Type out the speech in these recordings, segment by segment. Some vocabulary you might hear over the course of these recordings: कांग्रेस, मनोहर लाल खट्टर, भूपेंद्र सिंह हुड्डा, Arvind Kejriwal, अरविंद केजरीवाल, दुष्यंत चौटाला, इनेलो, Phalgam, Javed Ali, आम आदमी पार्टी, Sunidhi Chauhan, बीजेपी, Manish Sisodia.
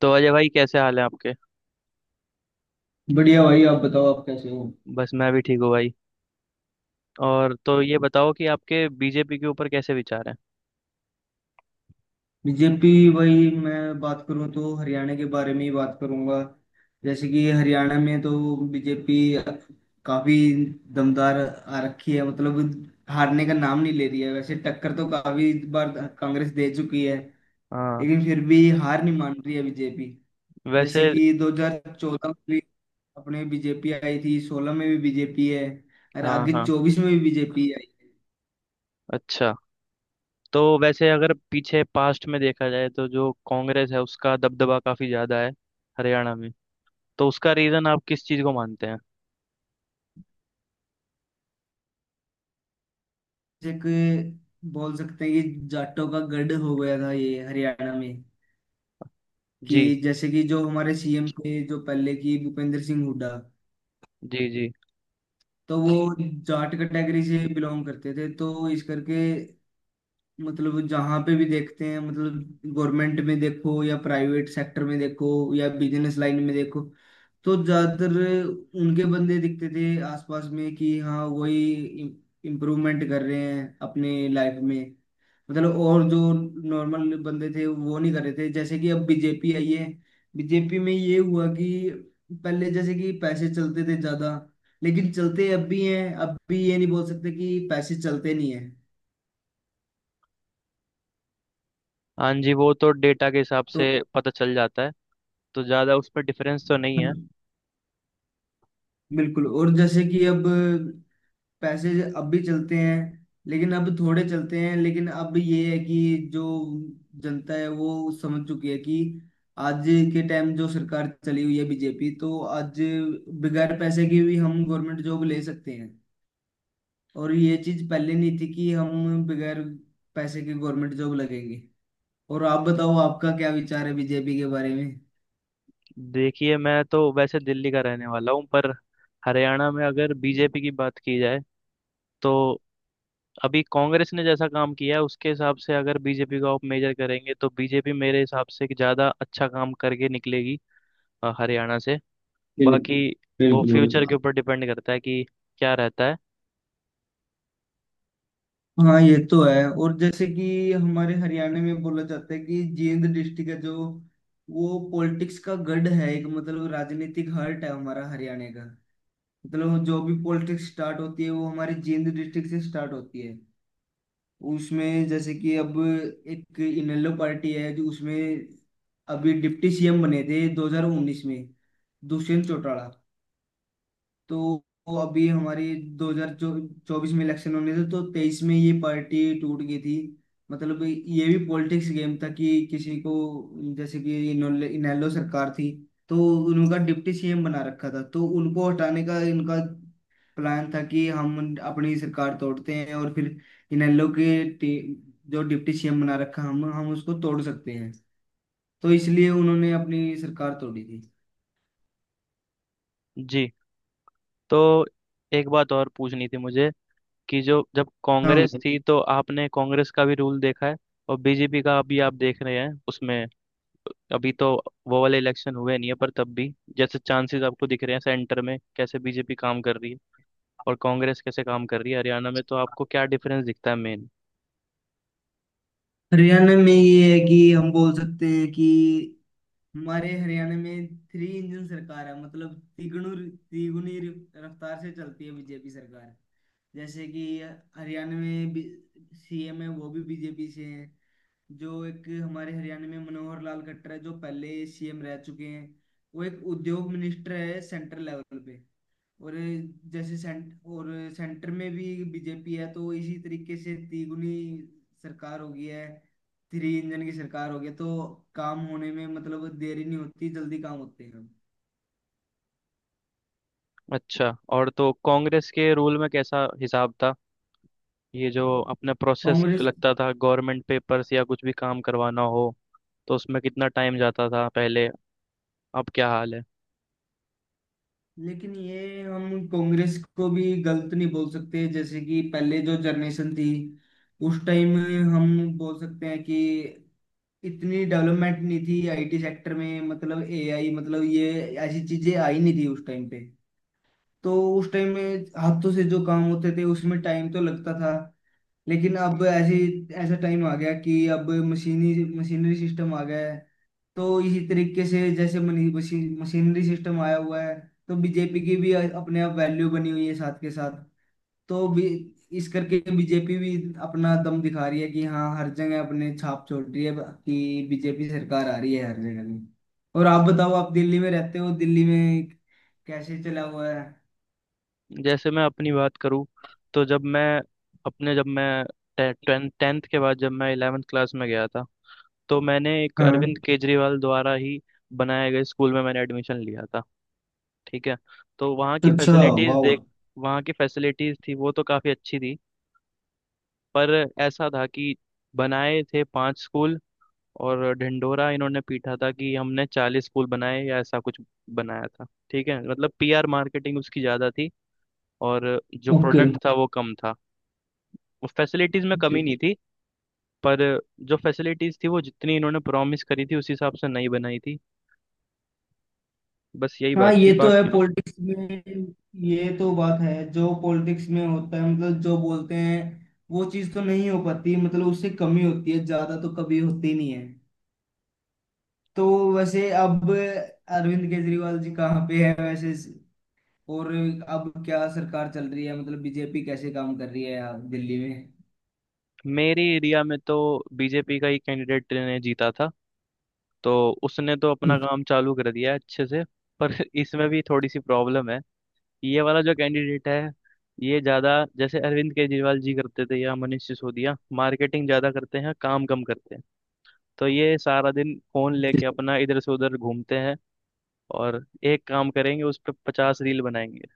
तो अजय भाई, कैसे हाल है आपके? बढ़िया भाई, आप बताओ, आप कैसे हो। बस मैं भी ठीक हूँ भाई। और तो ये बताओ कि आपके बीजेपी के ऊपर कैसे विचार हैं? बीजेपी। वही, मैं बात करूं तो हरियाणा के बारे में ही बात करूंगा। जैसे कि हरियाणा में तो बीजेपी काफी दमदार आ रखी है, मतलब हारने का नाम नहीं ले रही है। वैसे टक्कर तो काफी बार कांग्रेस दे चुकी है, हाँ। लेकिन फिर भी हार नहीं मान रही है बीजेपी। जैसे वैसे। कि 2014 में भी अपने बीजेपी आई थी, 16 में भी बीजेपी है, और हाँ आगे हाँ। 24 में भी बीजेपी है। अच्छा। तो वैसे अगर पीछे पास्ट में देखा जाए तो जो कांग्रेस है उसका दबदबा काफी ज्यादा है हरियाणा में। तो उसका रीजन आप किस चीज को मानते हैं? जैसे कि बोल सकते हैं कि जाटों का गढ़ हो गया था ये हरियाणा में। कि जी जैसे कि जो हमारे सीएम थे, जो पहले की, भूपेंद्र सिंह हुड्डा, जी। जी। तो वो जाट कैटेगरी से बिलोंग करते थे, तो इस करके मतलब जहाँ पे भी देखते हैं, मतलब गवर्नमेंट में देखो या प्राइवेट सेक्टर में देखो या बिजनेस लाइन में देखो, तो ज्यादातर उनके बंदे दिखते थे आसपास में। कि हाँ, वही इम्प्रूवमेंट कर रहे हैं अपने लाइफ में। मतलब, और जो नॉर्मल बंदे थे वो नहीं कर रहे थे। जैसे कि अब बीजेपी आई है, बीजेपी में ये हुआ कि पहले जैसे कि पैसे चलते थे ज्यादा, लेकिन चलते अब भी हैं। अब भी ये नहीं बोल सकते कि पैसे चलते नहीं है हाँ जी। वो तो डेटा के हिसाब से तो। पता चल जाता है। तो ज्यादा उस पर डिफरेंस तो नहीं है। बिल्कुल। और जैसे कि अब पैसे अब भी चलते हैं, लेकिन अब थोड़े चलते हैं। लेकिन अब ये है कि जो जनता है वो समझ चुकी है कि आज के टाइम जो सरकार चली हुई है बीजेपी, तो आज बगैर पैसे की भी हम गवर्नमेंट जॉब ले सकते हैं। और ये चीज पहले नहीं थी कि हम बगैर पैसे के गवर्नमेंट जॉब लगेंगे। और आप बताओ, आपका क्या विचार है बीजेपी के बारे में। देखिए, मैं तो वैसे दिल्ली का रहने वाला हूँ, पर हरियाणा में अगर बीजेपी की बात की जाए तो अभी कांग्रेस ने जैसा काम किया है उसके हिसाब से अगर बीजेपी का आप मेजर करेंगे तो बीजेपी मेरे हिसाब से कि ज्यादा अच्छा काम करके निकलेगी, हरियाणा से। बिल्कुल। बाकी वो फ्यूचर के बिल्कुल। ऊपर डिपेंड करता है कि क्या रहता है। हाँ, ये तो है। और जैसे कि हमारे हरियाणा में बोला जाता है कि जींद डिस्ट्रिक्ट है जो, वो पॉलिटिक्स का गढ़ है एक, मतलब राजनीतिक हर्ट है हमारा हरियाणा का। मतलब जो भी पॉलिटिक्स स्टार्ट होती है वो हमारे जींद डिस्ट्रिक्ट से स्टार्ट होती है। उसमें जैसे कि अब एक इनेलो पार्टी है जो, उसमें अभी डिप्टी सीएम बने थे 2019 में, दुष्यंत चौटाला। तो वो अभी हमारी 2024 में इलेक्शन होने थे तो 23 में ये पार्टी टूट गई थी। मतलब ये भी पॉलिटिक्स गेम था कि किसी को, जैसे कि इनेलो सरकार थी, तो उनका डिप्टी सीएम बना रखा था, तो उनको हटाने का इनका प्लान था कि हम अपनी सरकार तोड़ते हैं, और फिर इनेलो के टी- जो डिप्टी सीएम बना रखा, हम उसको तोड़ सकते हैं। तो इसलिए उन्होंने अपनी सरकार तोड़ी थी। जी। तो एक बात और पूछनी थी मुझे कि जो जब हाँ। कांग्रेस थी तो आपने कांग्रेस का भी रूल देखा है और बीजेपी का अभी आप देख रहे हैं। उसमें अभी तो वो वाले इलेक्शन हुए नहीं है, पर तब भी जैसे चांसेस आपको दिख रहे हैं सेंटर में कैसे बीजेपी काम कर रही है और कांग्रेस कैसे काम कर रही है हरियाणा में, तो आपको क्या डिफरेंस दिखता है मेन? हरियाणा में ये है कि हम बोल सकते हैं कि हमारे हरियाणा में थ्री इंजन सरकार है, मतलब तिगुनी तिगुनी रफ्तार से चलती है बीजेपी सरकार। जैसे कि हरियाणा में सीएम है वो भी बीजेपी से हैं, जो एक हमारे हरियाणा में मनोहर लाल खट्टर है जो पहले सीएम रह चुके हैं, वो एक उद्योग मिनिस्टर है सेंट्रल लेवल पे, और जैसे सेंटर में भी बीजेपी है, तो इसी तरीके से तिगुनी सरकार हो गई है। थ्री इंजन की सरकार हो गई है, तो काम होने में मतलब देरी नहीं होती, जल्दी काम होते हैं। अच्छा, और तो कांग्रेस के रूल में कैसा हिसाब था? ये जो अपना प्रोसेस कांग्रेस लगता था, गवर्नमेंट पेपर्स या कुछ भी काम करवाना हो, तो उसमें कितना टाइम जाता था पहले? अब क्या हाल है? लेकिन ये हम कांग्रेस को भी गलत नहीं बोल सकते। जैसे कि पहले जो जनरेशन थी, उस टाइम, हम बोल सकते हैं कि इतनी डेवलपमेंट नहीं थी आईटी सेक्टर में, मतलब एआई, मतलब ये ऐसी चीजें आई नहीं थी उस टाइम पे। तो उस टाइम में हाथों से जो काम होते थे, उसमें टाइम तो लगता था। लेकिन अब ऐसे ऐसा टाइम आ गया कि अब मशीनी मशीनरी सिस्टम आ गया है। तो इसी तरीके से जैसे मनी- मशीन मशीनरी सिस्टम आया हुआ है, तो बीजेपी की भी अपने आप वैल्यू बनी हुई है साथ के साथ, तो भी इस करके बीजेपी भी अपना दम दिखा रही है कि हाँ हर जगह अपने छाप छोड़ रही है, कि बीजेपी सरकार आ रही है हर जगह में। और आप बताओ, आप दिल्ली में रहते हो, दिल्ली में कैसे चला हुआ है। जैसे मैं अपनी बात करूँ, तो जब मैं टेंथ टेंथ के बाद जब मैं 11th क्लास में गया था, तो मैंने एक हाँ। अरविंद केजरीवाल द्वारा ही बनाए गए स्कूल में मैंने एडमिशन लिया था। ठीक है। तो वहाँ की अच्छा। फैसिलिटीज वाह। देख वहाँ की फैसिलिटीज थी वो तो काफ़ी अच्छी थी। पर ऐसा था कि बनाए थे पांच स्कूल और ढिंढोरा इन्होंने पीटा था कि हमने 40 स्कूल बनाए या ऐसा कुछ बनाया था। ठीक है, मतलब पीआर मार्केटिंग उसकी ज़्यादा थी और जो ओके। प्रोडक्ट था वो कम था। उस फैसिलिटीज़ में कमी नहीं थी, पर जो फैसिलिटीज़ थी वो जितनी इन्होंने प्रॉमिस करी थी उस हिसाब से नहीं बनाई थी। बस यही हाँ, बात थी ये तो है बाकी। पॉलिटिक्स में। ये तो बात है, जो पॉलिटिक्स में होता है, मतलब जो बोलते हैं वो चीज तो नहीं हो पाती, मतलब उससे कमी होती है, ज्यादा तो कभी होती नहीं है। तो वैसे अब अरविंद केजरीवाल जी कहाँ पे है वैसे, और अब क्या सरकार चल रही है, मतलब बीजेपी कैसे काम कर रही है यहाँ दिल्ली मेरे एरिया में तो बीजेपी का ही कैंडिडेट ने जीता था, तो उसने तो अपना में। काम चालू कर दिया है अच्छे से। पर इसमें भी थोड़ी सी प्रॉब्लम है। ये वाला जो कैंडिडेट है, ये ज्यादा, जैसे अरविंद केजरीवाल जी करते थे या मनीष सिसोदिया, मार्केटिंग ज्यादा करते हैं, काम कम करते हैं। तो ये सारा दिन फोन लेके अपना इधर से उधर घूमते हैं, और एक काम करेंगे उस पर 50 रील बनाएंगे।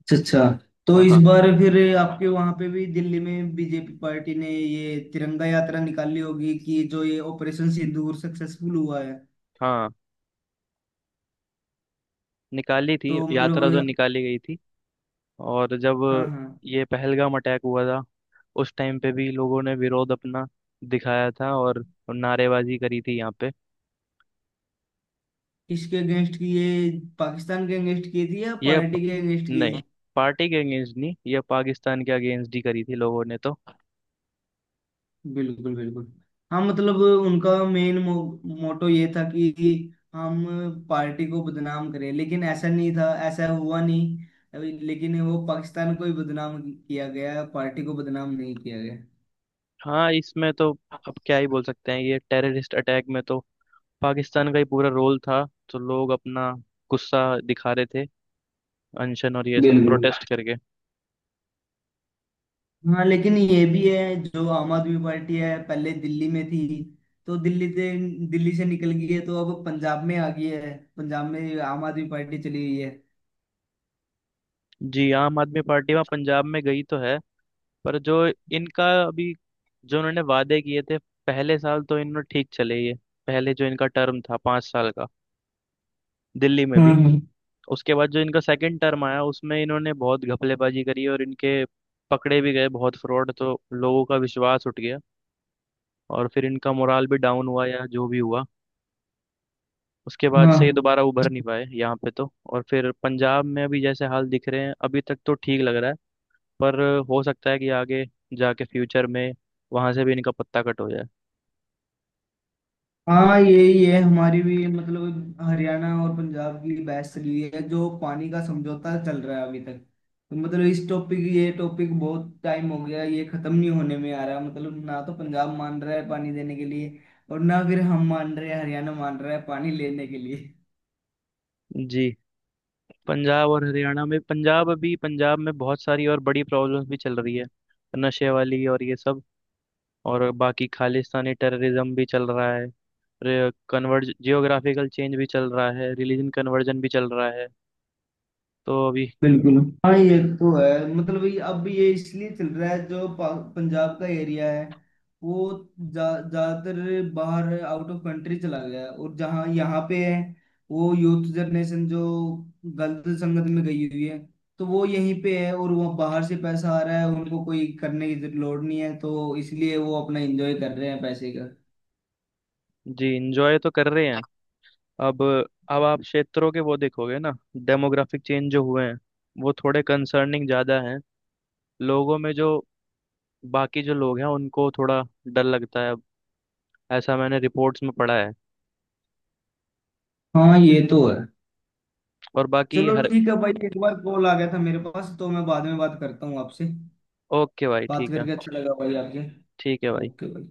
अच्छा, अच्छा। तो हाँ इस हाँ। बार फिर आपके वहां पे भी दिल्ली में बीजेपी पार्टी ने ये तिरंगा यात्रा निकाली होगी कि जो ये ऑपरेशन सिंदूर सक्सेसफुल हुआ है। हाँ, निकाली थी, तो यात्रा तो मतलब, निकाली गई थी। और जब हाँ, हाँ। ये पहलगाम अटैक हुआ था, उस टाइम पे भी लोगों ने विरोध अपना दिखाया था और नारेबाजी करी थी यहाँ पे। किसके अगेंस्ट की ये, पाकिस्तान के अगेंस्ट की थी या ये प- पार्टी के अगेंस्ट की नहीं, थी। पार्टी के अगेंस्ट नहीं, ये पाकिस्तान के अगेंस्ट ही करी थी लोगों ने तो। बिल्कुल, बिल्कुल। हाँ, मतलब उनका मेन मोटो ये था कि हम पार्टी को बदनाम करें, लेकिन ऐसा नहीं था, ऐसा हुआ नहीं। लेकिन वो पाकिस्तान को ही बदनाम किया गया, पार्टी को बदनाम नहीं किया गया। हाँ, इसमें तो अब क्या ही बोल सकते हैं, ये टेररिस्ट अटैक में तो पाकिस्तान का ही पूरा रोल था। तो लोग अपना गुस्सा दिखा रहे थे, अनशन और ये सब बिल्कुल। प्रोटेस्ट करके। हाँ, लेकिन ये भी है, जो आम आदमी पार्टी है पहले दिल्ली में थी, तो दिल्ली से निकल गई है, तो अब पंजाब में आ गई है, पंजाब में आम आदमी पार्टी चली गई है। जी, आम आदमी पार्टी वहाँ पंजाब में गई तो है, पर जो इनका अभी, जो इन्होंने वादे किए थे, पहले साल तो इन्होंने ठीक चले ये। पहले जो इनका टर्म था 5 साल का दिल्ली में भी, हम्म। उसके बाद जो इनका सेकंड टर्म आया उसमें इन्होंने बहुत घपलेबाजी करी और इनके पकड़े भी गए बहुत फ्रॉड, तो लोगों का विश्वास उठ गया और फिर इनका मोराल भी डाउन हुआ या जो भी हुआ। उसके बाद से ये हाँ, दोबारा उभर नहीं पाए यहाँ पे तो। और फिर पंजाब में अभी जैसे हाल दिख रहे हैं अभी तक तो ठीक लग रहा है, पर हो सकता है कि आगे जाके फ्यूचर में वहां से भी इनका पत्ता कट हो जाए। हाँ, यही है हमारी भी, मतलब हरियाणा और पंजाब की बहस चली हुई है जो पानी का समझौता चल रहा है अभी तक। तो मतलब इस टॉपिक, ये टॉपिक बहुत टाइम हो गया, ये खत्म नहीं होने में आ रहा, मतलब ना तो पंजाब मान रहा है पानी देने के लिए, और ना फिर हम मान रहे हैं, हरियाणा मान रहा है पानी लेने के लिए। जी। पंजाब और हरियाणा में, पंजाब, अभी पंजाब में बहुत सारी और बड़ी प्रॉब्लम्स भी चल रही है, नशे वाली और ये सब। और बाकी खालिस्तानी टेररिज्म भी चल रहा है, कन्वर्ज जियोग्राफिकल चेंज भी चल रहा है, रिलीजन कन्वर्जन भी चल रहा है, तो अभी। बिल्कुल। हाँ, ये तो है। मतलब ये अब ये इसलिए चल रहा है जो पंजाब का एरिया है, वो ज्यादातर बाहर आउट ऑफ कंट्री चला गया है, और जहाँ यहाँ पे है, वो यूथ जनरेशन जो गलत संगत में गई हुई है, तो वो यहीं पे है, और वो बाहर से पैसा आ रहा है, उनको कोई करने की लोड नहीं है, तो इसलिए वो अपना एंजॉय कर रहे हैं पैसे का। जी, इंजॉय तो कर रहे हैं। अब अब आप क्षेत्रों के वो देखोगे ना, डेमोग्राफिक चेंज जो हुए हैं वो थोड़े कंसर्निंग ज़्यादा हैं। लोगों में जो, बाकी जो लोग हैं उनको थोड़ा डर लगता है, ऐसा मैंने रिपोर्ट्स में पढ़ा है। हाँ, ये तो है। और बाकी। चलो, ठीक है भाई, एक बार कॉल आ गया था मेरे पास, तो मैं बाद में बात करता हूँ आपसे। ओके भाई बात ठीक है। करके अच्छा लगा भाई आपसे। ठीक है भाई। कर दो।